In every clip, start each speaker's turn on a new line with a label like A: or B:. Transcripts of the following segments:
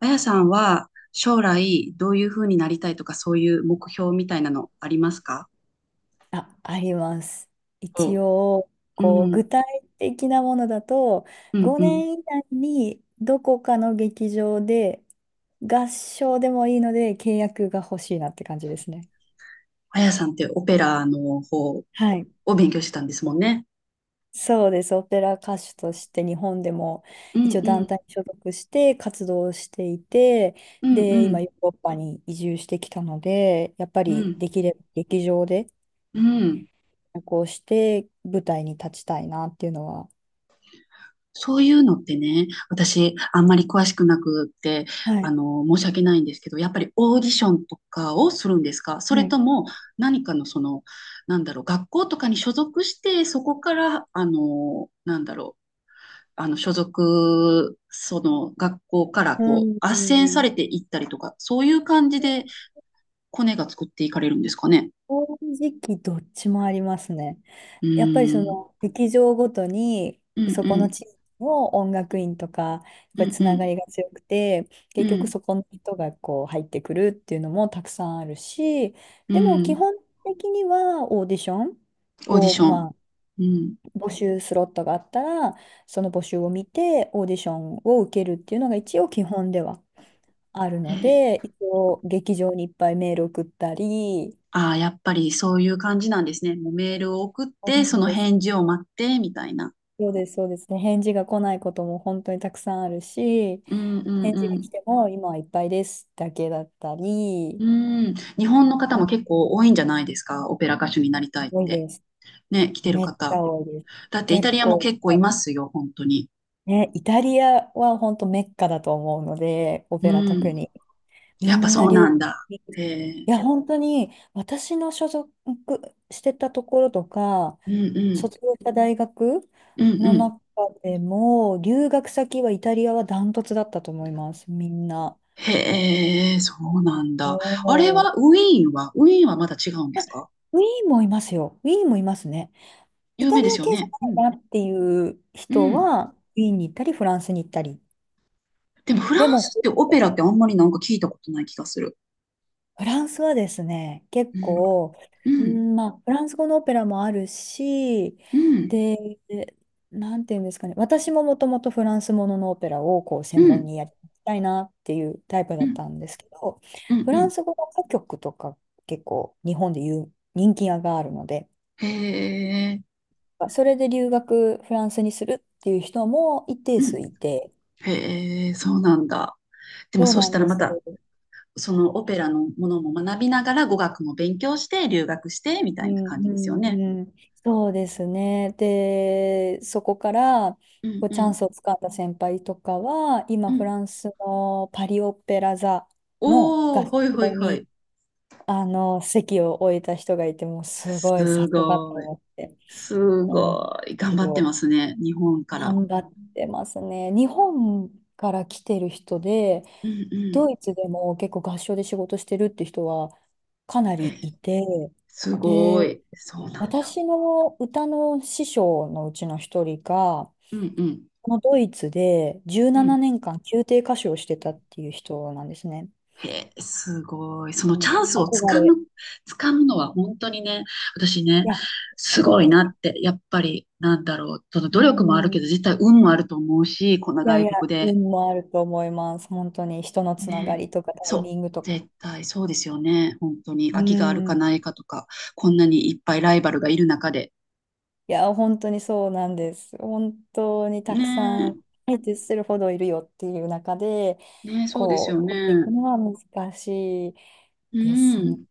A: あやさんは将来どういうふうになりたいとか、そういう目標みたいなのありますか？
B: あ、あります。一
A: そ
B: 応、
A: う。う
B: こう、
A: ん、
B: 具体的なものだと、
A: うん、うん。
B: 5年以内にどこかの劇場で合唱でもいいので契約が欲しいなって感じですね。
A: あやさんってオペラの方
B: はい。
A: を勉強してたんですもんね。
B: そうです。オペラ歌手として日本でも
A: う
B: 一
A: ん、
B: 応
A: う
B: 団
A: ん、
B: 体に所属して活動していて、
A: うん、う
B: で、今
A: ん、
B: ヨーロッパに移住してきたので、やっぱ
A: う
B: り
A: ん、
B: できれば劇場で
A: うん。
B: こうして舞台に立ちたいなっていうのは、
A: そういうのってね、私あんまり詳しくなくって、
B: は
A: あ
B: い、
A: の、申し訳ないんですけど、やっぱりオーディションとかをするんですか、それ
B: はい、
A: とも何かのその、なんだろう、学校とかに所属して、そこから、あの、なんだろう、あの、所属、その学校から
B: う
A: こう、斡旋さ
B: ん。
A: れていったりとか、そういう感じでコネが作っていかれるんですかね？
B: 正直どっちもありますね。
A: う
B: やっぱりそ
A: ーん。
B: の劇場ごとに
A: うん
B: そ
A: う
B: この
A: ん。
B: 地域の音楽院とかやっ
A: う
B: ぱり
A: ん
B: つ
A: う
B: なが
A: ん。
B: りが強くて、
A: う
B: 結局
A: ん。
B: そこの人がこう入ってくるっていうのもたくさんあるし、
A: う
B: でも基
A: ん。
B: 本的にはオーディション
A: オーディ
B: を
A: ショ
B: ま
A: ン。
B: あ、
A: うん。
B: 募集スロットがあったらその募集を見てオーディションを受けるっていうのが一応基本ではある
A: え
B: の
A: ー、
B: で、一応劇場にいっぱいメール送ったり。
A: ああ、やっぱりそういう感じなんですね。もうメールを送っ
B: そう
A: て、
B: な
A: そ
B: ん
A: の
B: です。
A: 返事を待って、みたいな。
B: そうです、そうですね。返事が来ないことも本当にたくさんあるし、
A: うんう
B: 返
A: ん
B: 事
A: う
B: が来
A: ん。
B: ても今はいっぱいですだけだったり、
A: うん。日本の方
B: う
A: も
B: ん、
A: 結構多いんじゃないですか？オペラ歌手になりたいっ
B: 多い
A: て。
B: です。
A: ね、来てる
B: めっちゃ
A: 方。
B: 多いです。
A: だってイ
B: 結
A: タリアも
B: 構いっ
A: 結構
B: ぱい。
A: いますよ、本当に。
B: ね、イタリアは本当メッカだと思うので、オ
A: う
B: ペラ特
A: ん。
B: に。み
A: やっぱ
B: ん
A: そ
B: な
A: うな
B: 留
A: ん
B: 学
A: だ。
B: に
A: へえ。
B: いや、本当に私の所属してたところとか、
A: うんうん。
B: 卒業した大学
A: うんう
B: の
A: ん。
B: 中でも、留学先はイタリアはダントツだったと思います、みんな。
A: へえ、そうなん
B: お
A: だ。あれ
B: ー、
A: は、ウィーンは、ウィーンはまだ違うんですか？
B: ウィーンもいますよ。ウィーンもいますね。イ
A: 有
B: タ
A: 名
B: リ
A: です
B: ア
A: よ
B: 系じゃ
A: ね。うん。
B: ないなっていう
A: う
B: 人
A: ん。
B: は、ウィーンに行ったり、フランスに行ったり。
A: でも、フ
B: で
A: ラン
B: も、ほ
A: スってオペラってあんまりなんか聞いたことない気がする。
B: フランスはですね、結
A: うん。
B: 構、
A: う
B: う
A: ん。
B: ん、まあ、フランス語のオペラもあるし、
A: うん。
B: で、なんていうんですかね、私ももともとフランスもののオペラをこう
A: う
B: 専門
A: ん。
B: にやりたいなっていうタイプ
A: う
B: だっ
A: ん。
B: たんですけど、
A: うん。
B: フ
A: う
B: ラン
A: ん。
B: ス語の歌曲とか結構日本でいう人気があるので、
A: へえ。
B: それで留学フランスにするっていう人も一定
A: う
B: 数
A: ん。
B: いて、
A: へえ、そうなんだ。でも、
B: そう
A: そう
B: な
A: し
B: ん
A: たら
B: で
A: ま
B: す。
A: た、そのオペラのものも学びながら語学も勉強して、留学して、み
B: う
A: たいな
B: ん、
A: 感じ
B: う
A: ですよね。
B: ん、うん、そうですね。で、そこから
A: うん
B: こう
A: う
B: チャン
A: ん
B: スをつかんだ先輩とかは、今、
A: う
B: フ
A: ん。
B: ランスのパリ・オペラ座の
A: お
B: 合
A: お、ほいほ
B: 唱
A: いほ
B: に
A: い。
B: あの席を置いた人がいて、もうすごいさ
A: す
B: すがと
A: ごい。
B: 思って
A: す
B: 思うんで
A: ごい。頑
B: す
A: 張
B: け
A: ってま
B: ど、
A: すね。日本から。
B: 頑張ってますね。日本から来てる人で、
A: うんうん。
B: ドイツでも結構合唱で仕事してるって人はかな
A: へ
B: り
A: え、
B: いて、
A: すご
B: で、
A: い。そうなんだ。
B: 私の歌の師匠のうちの一人が、
A: うんうん
B: このドイツで17
A: うん。
B: 年間宮廷歌手をしてたっていう人なんですね。
A: へえ、すごい。その
B: う
A: チ
B: ん、
A: ャンスをつ
B: 憧
A: か
B: れ。
A: む、つかむのは本当にね、私ね、
B: いや、本
A: す
B: 当
A: ごい
B: に。
A: なって、やっぱり、なんだろう、その
B: う
A: 努力もある
B: ん、
A: け
B: い
A: ど、実際運もあると思うし、こんな
B: やい
A: 外
B: や、
A: 国で
B: 運もあると思います。本当に人のつなが
A: ね。
B: りとかタイ
A: そ
B: ミ
A: う。
B: ングとか。
A: 絶対そうですよね。本当に。
B: う
A: 空きがあるか
B: ん。
A: ないかとか、こんなにいっぱいライバルがいる中で。
B: いや、本当にそうなんです。本当に
A: ね
B: たくさ
A: え。
B: ん、相手するほどいるよっていう中で、
A: ねえ、そうです
B: こ
A: よ
B: う、
A: ね。
B: 取っていくのは難しい
A: う
B: ですね。
A: ん。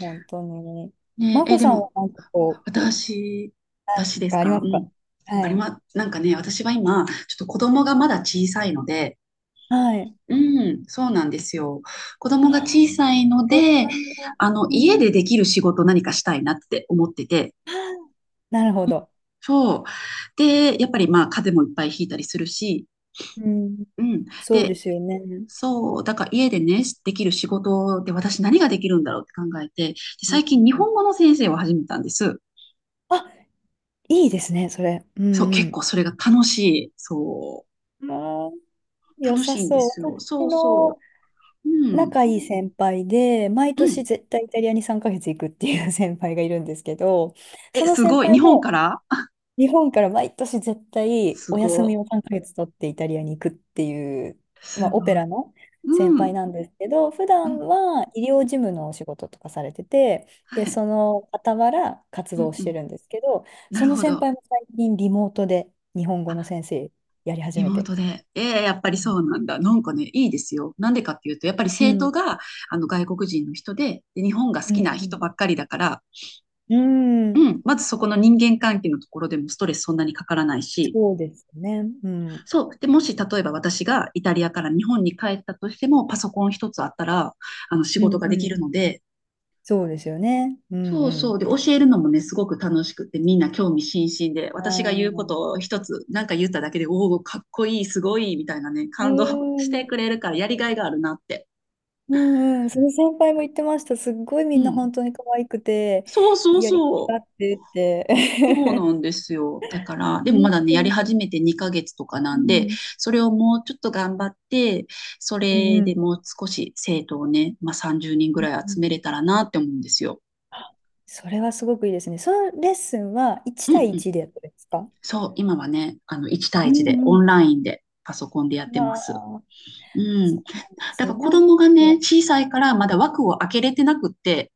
B: 本当に。
A: ね
B: マ
A: え、
B: コ
A: で
B: さん
A: も、
B: は何かこう、
A: 私、私です
B: があ
A: か？
B: りま
A: う
B: すか？
A: ん。あ
B: は
A: り
B: い。
A: ま、なんかね、私は今、ちょっと子供がまだ小さいので、
B: はい。
A: うん、そうなんですよ。子
B: あ
A: 供が
B: ー、
A: 小さいの
B: お子
A: で、
B: さんが、
A: あの、
B: う
A: 家
B: ん。
A: でできる仕事何かしたいなって思ってて、
B: なるほど。
A: そう。で、やっぱりまあ風邪もいっぱいひいたりするし、
B: うん。
A: うん。
B: そうで
A: で、
B: すよね。
A: そう、だから家でね、できる仕事で私何ができるんだろうって考えて、で
B: うん、
A: 最近日
B: うん、
A: 本語の先生を始めたんです。
B: あ、いいですね、それ。う
A: そう、結
B: ん、
A: 構それが楽しい。そ
B: うん。ああ、
A: う、
B: 良
A: 楽し
B: さ
A: いんで
B: そう。
A: すよ。そ
B: 私
A: う
B: の
A: そう。うん、
B: 仲いい先輩で、毎
A: う
B: 年
A: ん。
B: 絶対イタリアに3ヶ月行くっていう 先輩がいるんですけど、
A: え、
B: その
A: す
B: 先
A: ごい。
B: 輩
A: 日本か
B: も
A: ら
B: 日本から毎年絶 対
A: す
B: お休み
A: ご
B: を3ヶ月取ってイタリアに行くっていう、
A: い。
B: まあ、
A: すごい。
B: オペラの先
A: う
B: 輩
A: ん、
B: なんですけど、普
A: う
B: 段
A: ん。
B: は医療事務のお仕事とかされてて、で、
A: はい。
B: その傍ら活
A: う
B: 動
A: ん、
B: し
A: う
B: て
A: ん。
B: るんですけど、
A: な
B: そ
A: る
B: の
A: ほ
B: 先
A: ど。
B: 輩も最近リモートで日本語
A: あ、
B: の先生やり始
A: リ
B: め
A: モー
B: て。
A: トで。ええ、やっぱりそうなんだ。なんかね、いいですよ。なんでかっていうと、やっぱり
B: う
A: 生徒
B: ん、
A: があの外国人の人で、で、日本が好
B: う
A: きな人
B: ん、
A: ばっかりだから、
B: うん、う
A: う
B: ん、
A: ん、まずそこの人間関係のところでもストレスそんなにかからないし、
B: そうですね。うん、
A: そう。で、もし例えば私がイタリアから日本に帰ったとしても、パソコン一つあったら、あの仕
B: う
A: 事
B: ん、
A: がで
B: う
A: きる
B: ん。
A: ので、
B: そうですよね。うん、
A: そ
B: う
A: うそう。
B: ん。
A: で、教えるのもね、すごく楽しくて、みんな興味津々で、
B: あ
A: 私が言うことを
B: ー、
A: 一つ、なんか言っただけで、おお、かっこいい、すごい、みたいなね、
B: う
A: 感動 して
B: ん。
A: くれるから、やりがいがあるなって。
B: うん、うん、その先輩も言ってました。すっごい
A: う
B: みんな
A: ん。
B: 本当に可愛くて、
A: そうそう
B: やりがい
A: そ
B: が
A: う。
B: あってって。
A: そうなんですよ。だから、でもま
B: 本
A: だね、
B: 当
A: やり
B: に。
A: 始めて2ヶ月とかな
B: う
A: んで、
B: ん。
A: それをもうちょっと頑張って、そ
B: うん、
A: れ
B: う
A: で
B: ん。
A: もう少し生徒をね、まあ、30人ぐ
B: うん、
A: らい
B: う
A: 集
B: ん、
A: めれたらなって思うんですよ。
B: それはすごくいいですね。そのレッスンは1
A: うんう
B: 対
A: ん。
B: 1でやったんですか？
A: そう、今はね、あの、1対
B: う
A: 1で、
B: ん、
A: オ
B: う
A: ンラインで、パソコンでやっ
B: ん。
A: てま
B: あ
A: す。
B: あ、
A: うん。
B: そうなんです
A: だか
B: ね。
A: ら子
B: なんか、
A: 供がね、小さいからまだ枠を開けれてなくって、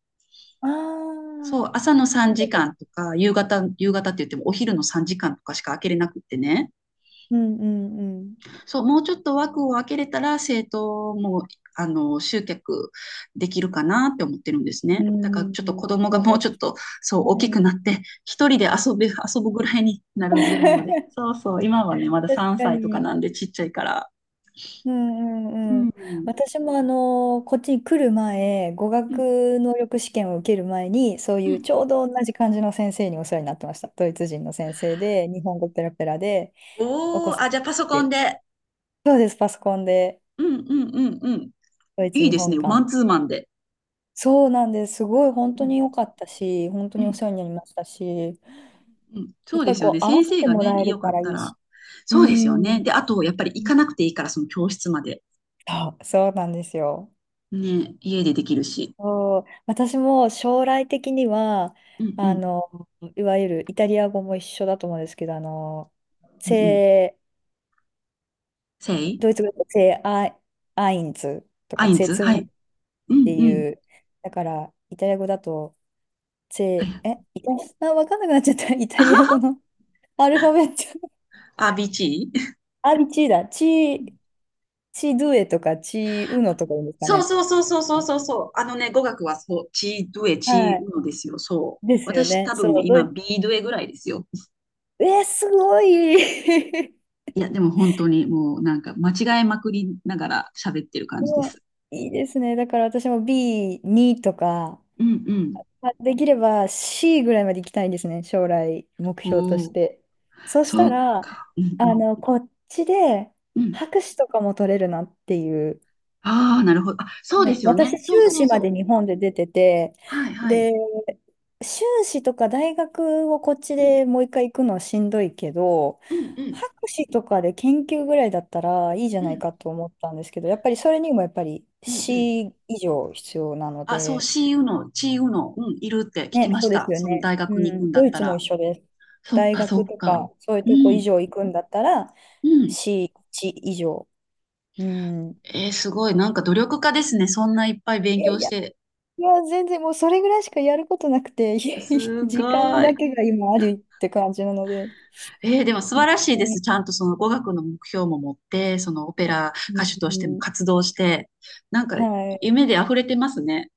B: ああ、
A: そう、朝の3
B: なるほ
A: 時
B: ど、
A: 間とか、夕方、夕方って言ってもお昼の3時間とかしか開けれなくってね。
B: うん、うん、うん。
A: そう、もうちょっと枠を開けれたら、生徒も、あの、集客できるかなって思ってるんですね。
B: う
A: だから
B: ん、
A: ちょっと子供がもう
B: そう
A: ちょ
B: で
A: っ
B: すね。
A: と、そう、大きくなって、一人で遊ぶぐらいになるぐらいまで。そうそう、今はね、まだ
B: 確
A: 3
B: か
A: 歳とか
B: に。
A: なんでちっちゃいから。
B: うん、う
A: う
B: ん、うん。
A: ん。
B: 私もあの、こっちに来る前、語
A: うん。
B: 学能力試験を受ける前に、そう
A: う
B: いう
A: ん。
B: ちょうど同じ感じの先生にお世話になってました。ドイツ人の先生で、日本語ペラペラで、お子
A: おー、
B: さ
A: あ、
B: ん
A: じゃあパソコン
B: で。
A: で？
B: そうです、パソコンで、
A: うんうんうんうん。
B: ドイツ、
A: いい
B: 日
A: です
B: 本
A: ね。
B: 間
A: マン
B: で。
A: ツーマンで。
B: そうなんです。すごい本
A: う
B: 当に
A: ん
B: 良かったし、本当
A: う
B: にお
A: ん
B: 世話になりましたし、
A: うんうん。そ
B: やっ
A: う
B: ぱ
A: で
B: り
A: すよ
B: こ
A: ね。
B: う、合わ
A: 先
B: せ
A: 生
B: て
A: が
B: も
A: ね、
B: らえる
A: よか
B: か
A: っ
B: ら
A: た
B: いい
A: ら。
B: し。う
A: そうですよね。
B: ん。
A: で、あと、やっぱり行かなくていいから、その教室まで。
B: そう、そうなんですよ。
A: ね、家でできるし。
B: そう、私も将来的には、
A: うんう
B: あ
A: ん
B: の、いわゆるイタリア語も一緒だと思うんですけど、あの、
A: うんうん。
B: セ
A: せ
B: ー、
A: い
B: ドイツ語でセーアイ、アインズと
A: ア
B: か、
A: イン
B: セー
A: ツ。
B: ツ
A: は
B: ボっ
A: い。う
B: て
A: んうん。
B: いう、だから、イタリア語だと、
A: は
B: セ
A: い。
B: ー、え、イタリア、あ、わかんなくなっちゃった。イタリア語 のアルファベット。
A: あ、ビーチー。
B: アリチーだ。ー、チードゥエとか、チーウノとか言うんですか
A: そう
B: ね。
A: そうそうそうそうそうそう。あのね、語学はそう、チードゥエ、
B: は
A: チー
B: い。
A: ウノですよ。そう。
B: ですよ
A: 私
B: ね。
A: 多分
B: そう、ド
A: 今、
B: イツ、
A: ビードゥエぐらいですよ。
B: えーすごい
A: いや、でも本当にもうなんか間違えまくりながら喋ってる感
B: う
A: じで
B: わ、
A: す。
B: いいですね。だから私も B2 とか、
A: うんうん。
B: まあできれば C ぐらいまで行きたいんですね。将来目標と
A: お
B: し
A: お、
B: て。そうし
A: そ
B: た
A: っ
B: ら、
A: か。うん
B: あ
A: うん。
B: の、こっちで
A: うん。
B: 博士とかも取れるなっていう、
A: ああ、なるほど。あ、そうで
B: ね、
A: すよね。
B: 私、
A: そう
B: 修
A: そう
B: 士ま
A: そ
B: で
A: う。
B: 日本で出てて、
A: はいはい。
B: で、修士とか大学をこっち
A: うん
B: でもう一回行くのはしんどいけど、
A: うんうん
B: 博士とかで研究ぐらいだったらいいじゃ
A: う
B: ない
A: ん
B: かと思ったんですけど、やっぱりそれにもやっぱり
A: うんうん。
B: C 以上必要なの
A: あ、そう、
B: で、
A: シーウの、チーウの、うん、いるって聞き
B: ね、
A: ま
B: そ
A: し
B: うで
A: た。
B: すよ
A: その
B: ね。
A: 大
B: う
A: 学に行く
B: ん、
A: んだっ
B: ドイ
A: た
B: ツも
A: ら。
B: 一緒です。
A: そっ
B: 大
A: かそ
B: 学
A: っ
B: とか
A: か。
B: そういう
A: う
B: とこ以
A: ん
B: 上行くんだったら
A: うん。
B: C1 以上。うん。
A: えー、すごい。なんか努力家ですね。そんないっぱい
B: い
A: 勉
B: や
A: 強
B: い
A: し
B: や、
A: て。
B: 全然もうそれぐらいしかやることなくて、
A: すご
B: 時間だ
A: い。
B: けが今あるって感じなので、
A: えー、でも素晴
B: 本
A: らしい
B: 当
A: です。
B: に、
A: ちゃんとその語学の目標も持って、そのオペラ
B: う
A: 歌手としても
B: ん、
A: 活動して、なんか
B: はい。
A: 夢で溢れてますね。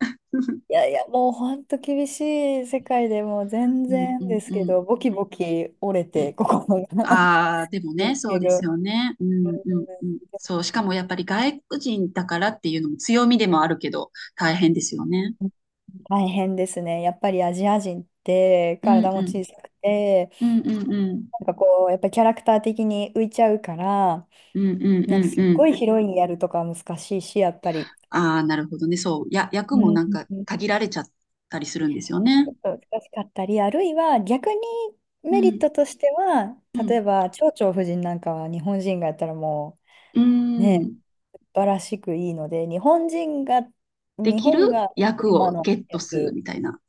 B: いやいや、もう本当厳しい世界でもう全
A: うんう
B: 然で
A: ん
B: す
A: う
B: け
A: ん
B: ど、ボキボキ折れ
A: う
B: て、
A: ん。
B: 心が
A: ああ、でも ね、
B: です
A: そう
B: け
A: で
B: ど、
A: すよね。う
B: う
A: んうんうん。そう、しかもやっぱり外国人だからっていうのも強みでもあるけど、大変ですよね。
B: ん、大変ですね。やっぱりアジア人って
A: う
B: 体
A: ん
B: も
A: うん。
B: 小さくて、
A: うんうんうん。
B: なんかこう、やっぱりキャラクター的に浮いちゃうから、
A: うんうん
B: なん
A: う
B: か
A: ん
B: すっ
A: う
B: ご
A: ん。
B: いヒロインやるとかは難しいし、やっぱり。
A: ああ、なるほどね。そう。役
B: う
A: もなんか
B: ん、
A: 限られちゃったりするんですよ
B: ちょ
A: ね。
B: っと難しかったり、あるいは逆に
A: う
B: メリッ
A: ん。
B: トとしては、
A: う
B: 例
A: ん。
B: えば蝶々夫人なんかは日本人がやったらも
A: う
B: うね、
A: ん。
B: 素晴らしくいいので、日本人が、
A: で
B: 日
A: き
B: 本
A: る
B: がテー
A: 役
B: マ
A: を
B: の
A: ゲッ
B: や
A: トする
B: つ、
A: みたいな。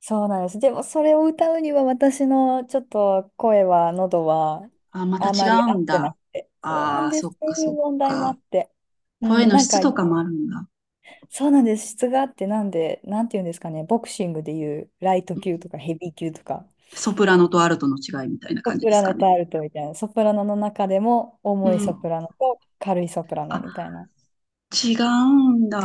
B: そうなんです。でもそれを歌うには私のちょっと声は、喉は
A: あ、また
B: あ
A: 違
B: まり
A: う
B: 合
A: ん
B: ってな
A: だ。
B: くて、そうな
A: あ
B: ん
A: あ、
B: で
A: そ
B: す。
A: っ
B: そう
A: か
B: い
A: そ
B: う
A: っ
B: 問題もあ
A: か。
B: って。う
A: 声
B: ん、
A: の
B: なんか、
A: 質とかもあるんだ。
B: そうなんです。質があって、なんで、なんていうんですかね、ボクシングでいうライト
A: うん。
B: 級とかヘビー級とか。
A: ソプラノとアルトの違いみたいな
B: ソ
A: 感じ
B: プ
A: です
B: ラ
A: か
B: ノ
A: ね？
B: とアルトみたいな。ソプラノの中でも
A: う
B: 重い
A: ん。
B: ソプラノと軽いソプラノ
A: あ、
B: みたいな。
A: 違うんだ。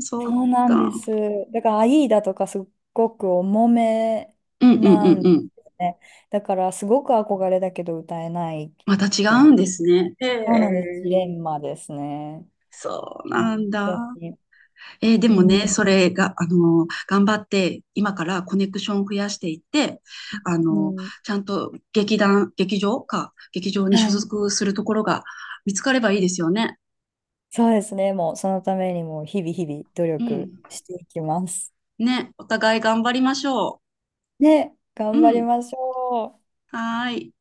A: そっ
B: そうなん
A: か。
B: です。だから、アイーダとかすっごく重め
A: うんうんう
B: な
A: ん
B: ん
A: う
B: で
A: ん。
B: すね。だから、すごく憧れだけど歌えないっ
A: また違
B: てい
A: うん
B: う。
A: ですね。へ
B: そうなんです。ジレ
A: え、
B: ンマですね。
A: そう
B: 本
A: なん
B: 当
A: だ。
B: に。
A: で
B: う
A: もね、
B: ん、
A: それが、あの、頑張って、今からコネクションを増やしていって、あ
B: う
A: の、
B: ん。
A: ちゃんと劇場か、劇場に
B: は
A: 所
B: い。
A: 属するところが見つかればいいですよね。
B: そうですね。もう、そのためにも、日々日々努
A: う
B: 力
A: ん。
B: していきます。
A: ね、お互い頑張りましょ
B: ね、
A: う。
B: 頑
A: う
B: 張り
A: ん。
B: ましょう。
A: はーい。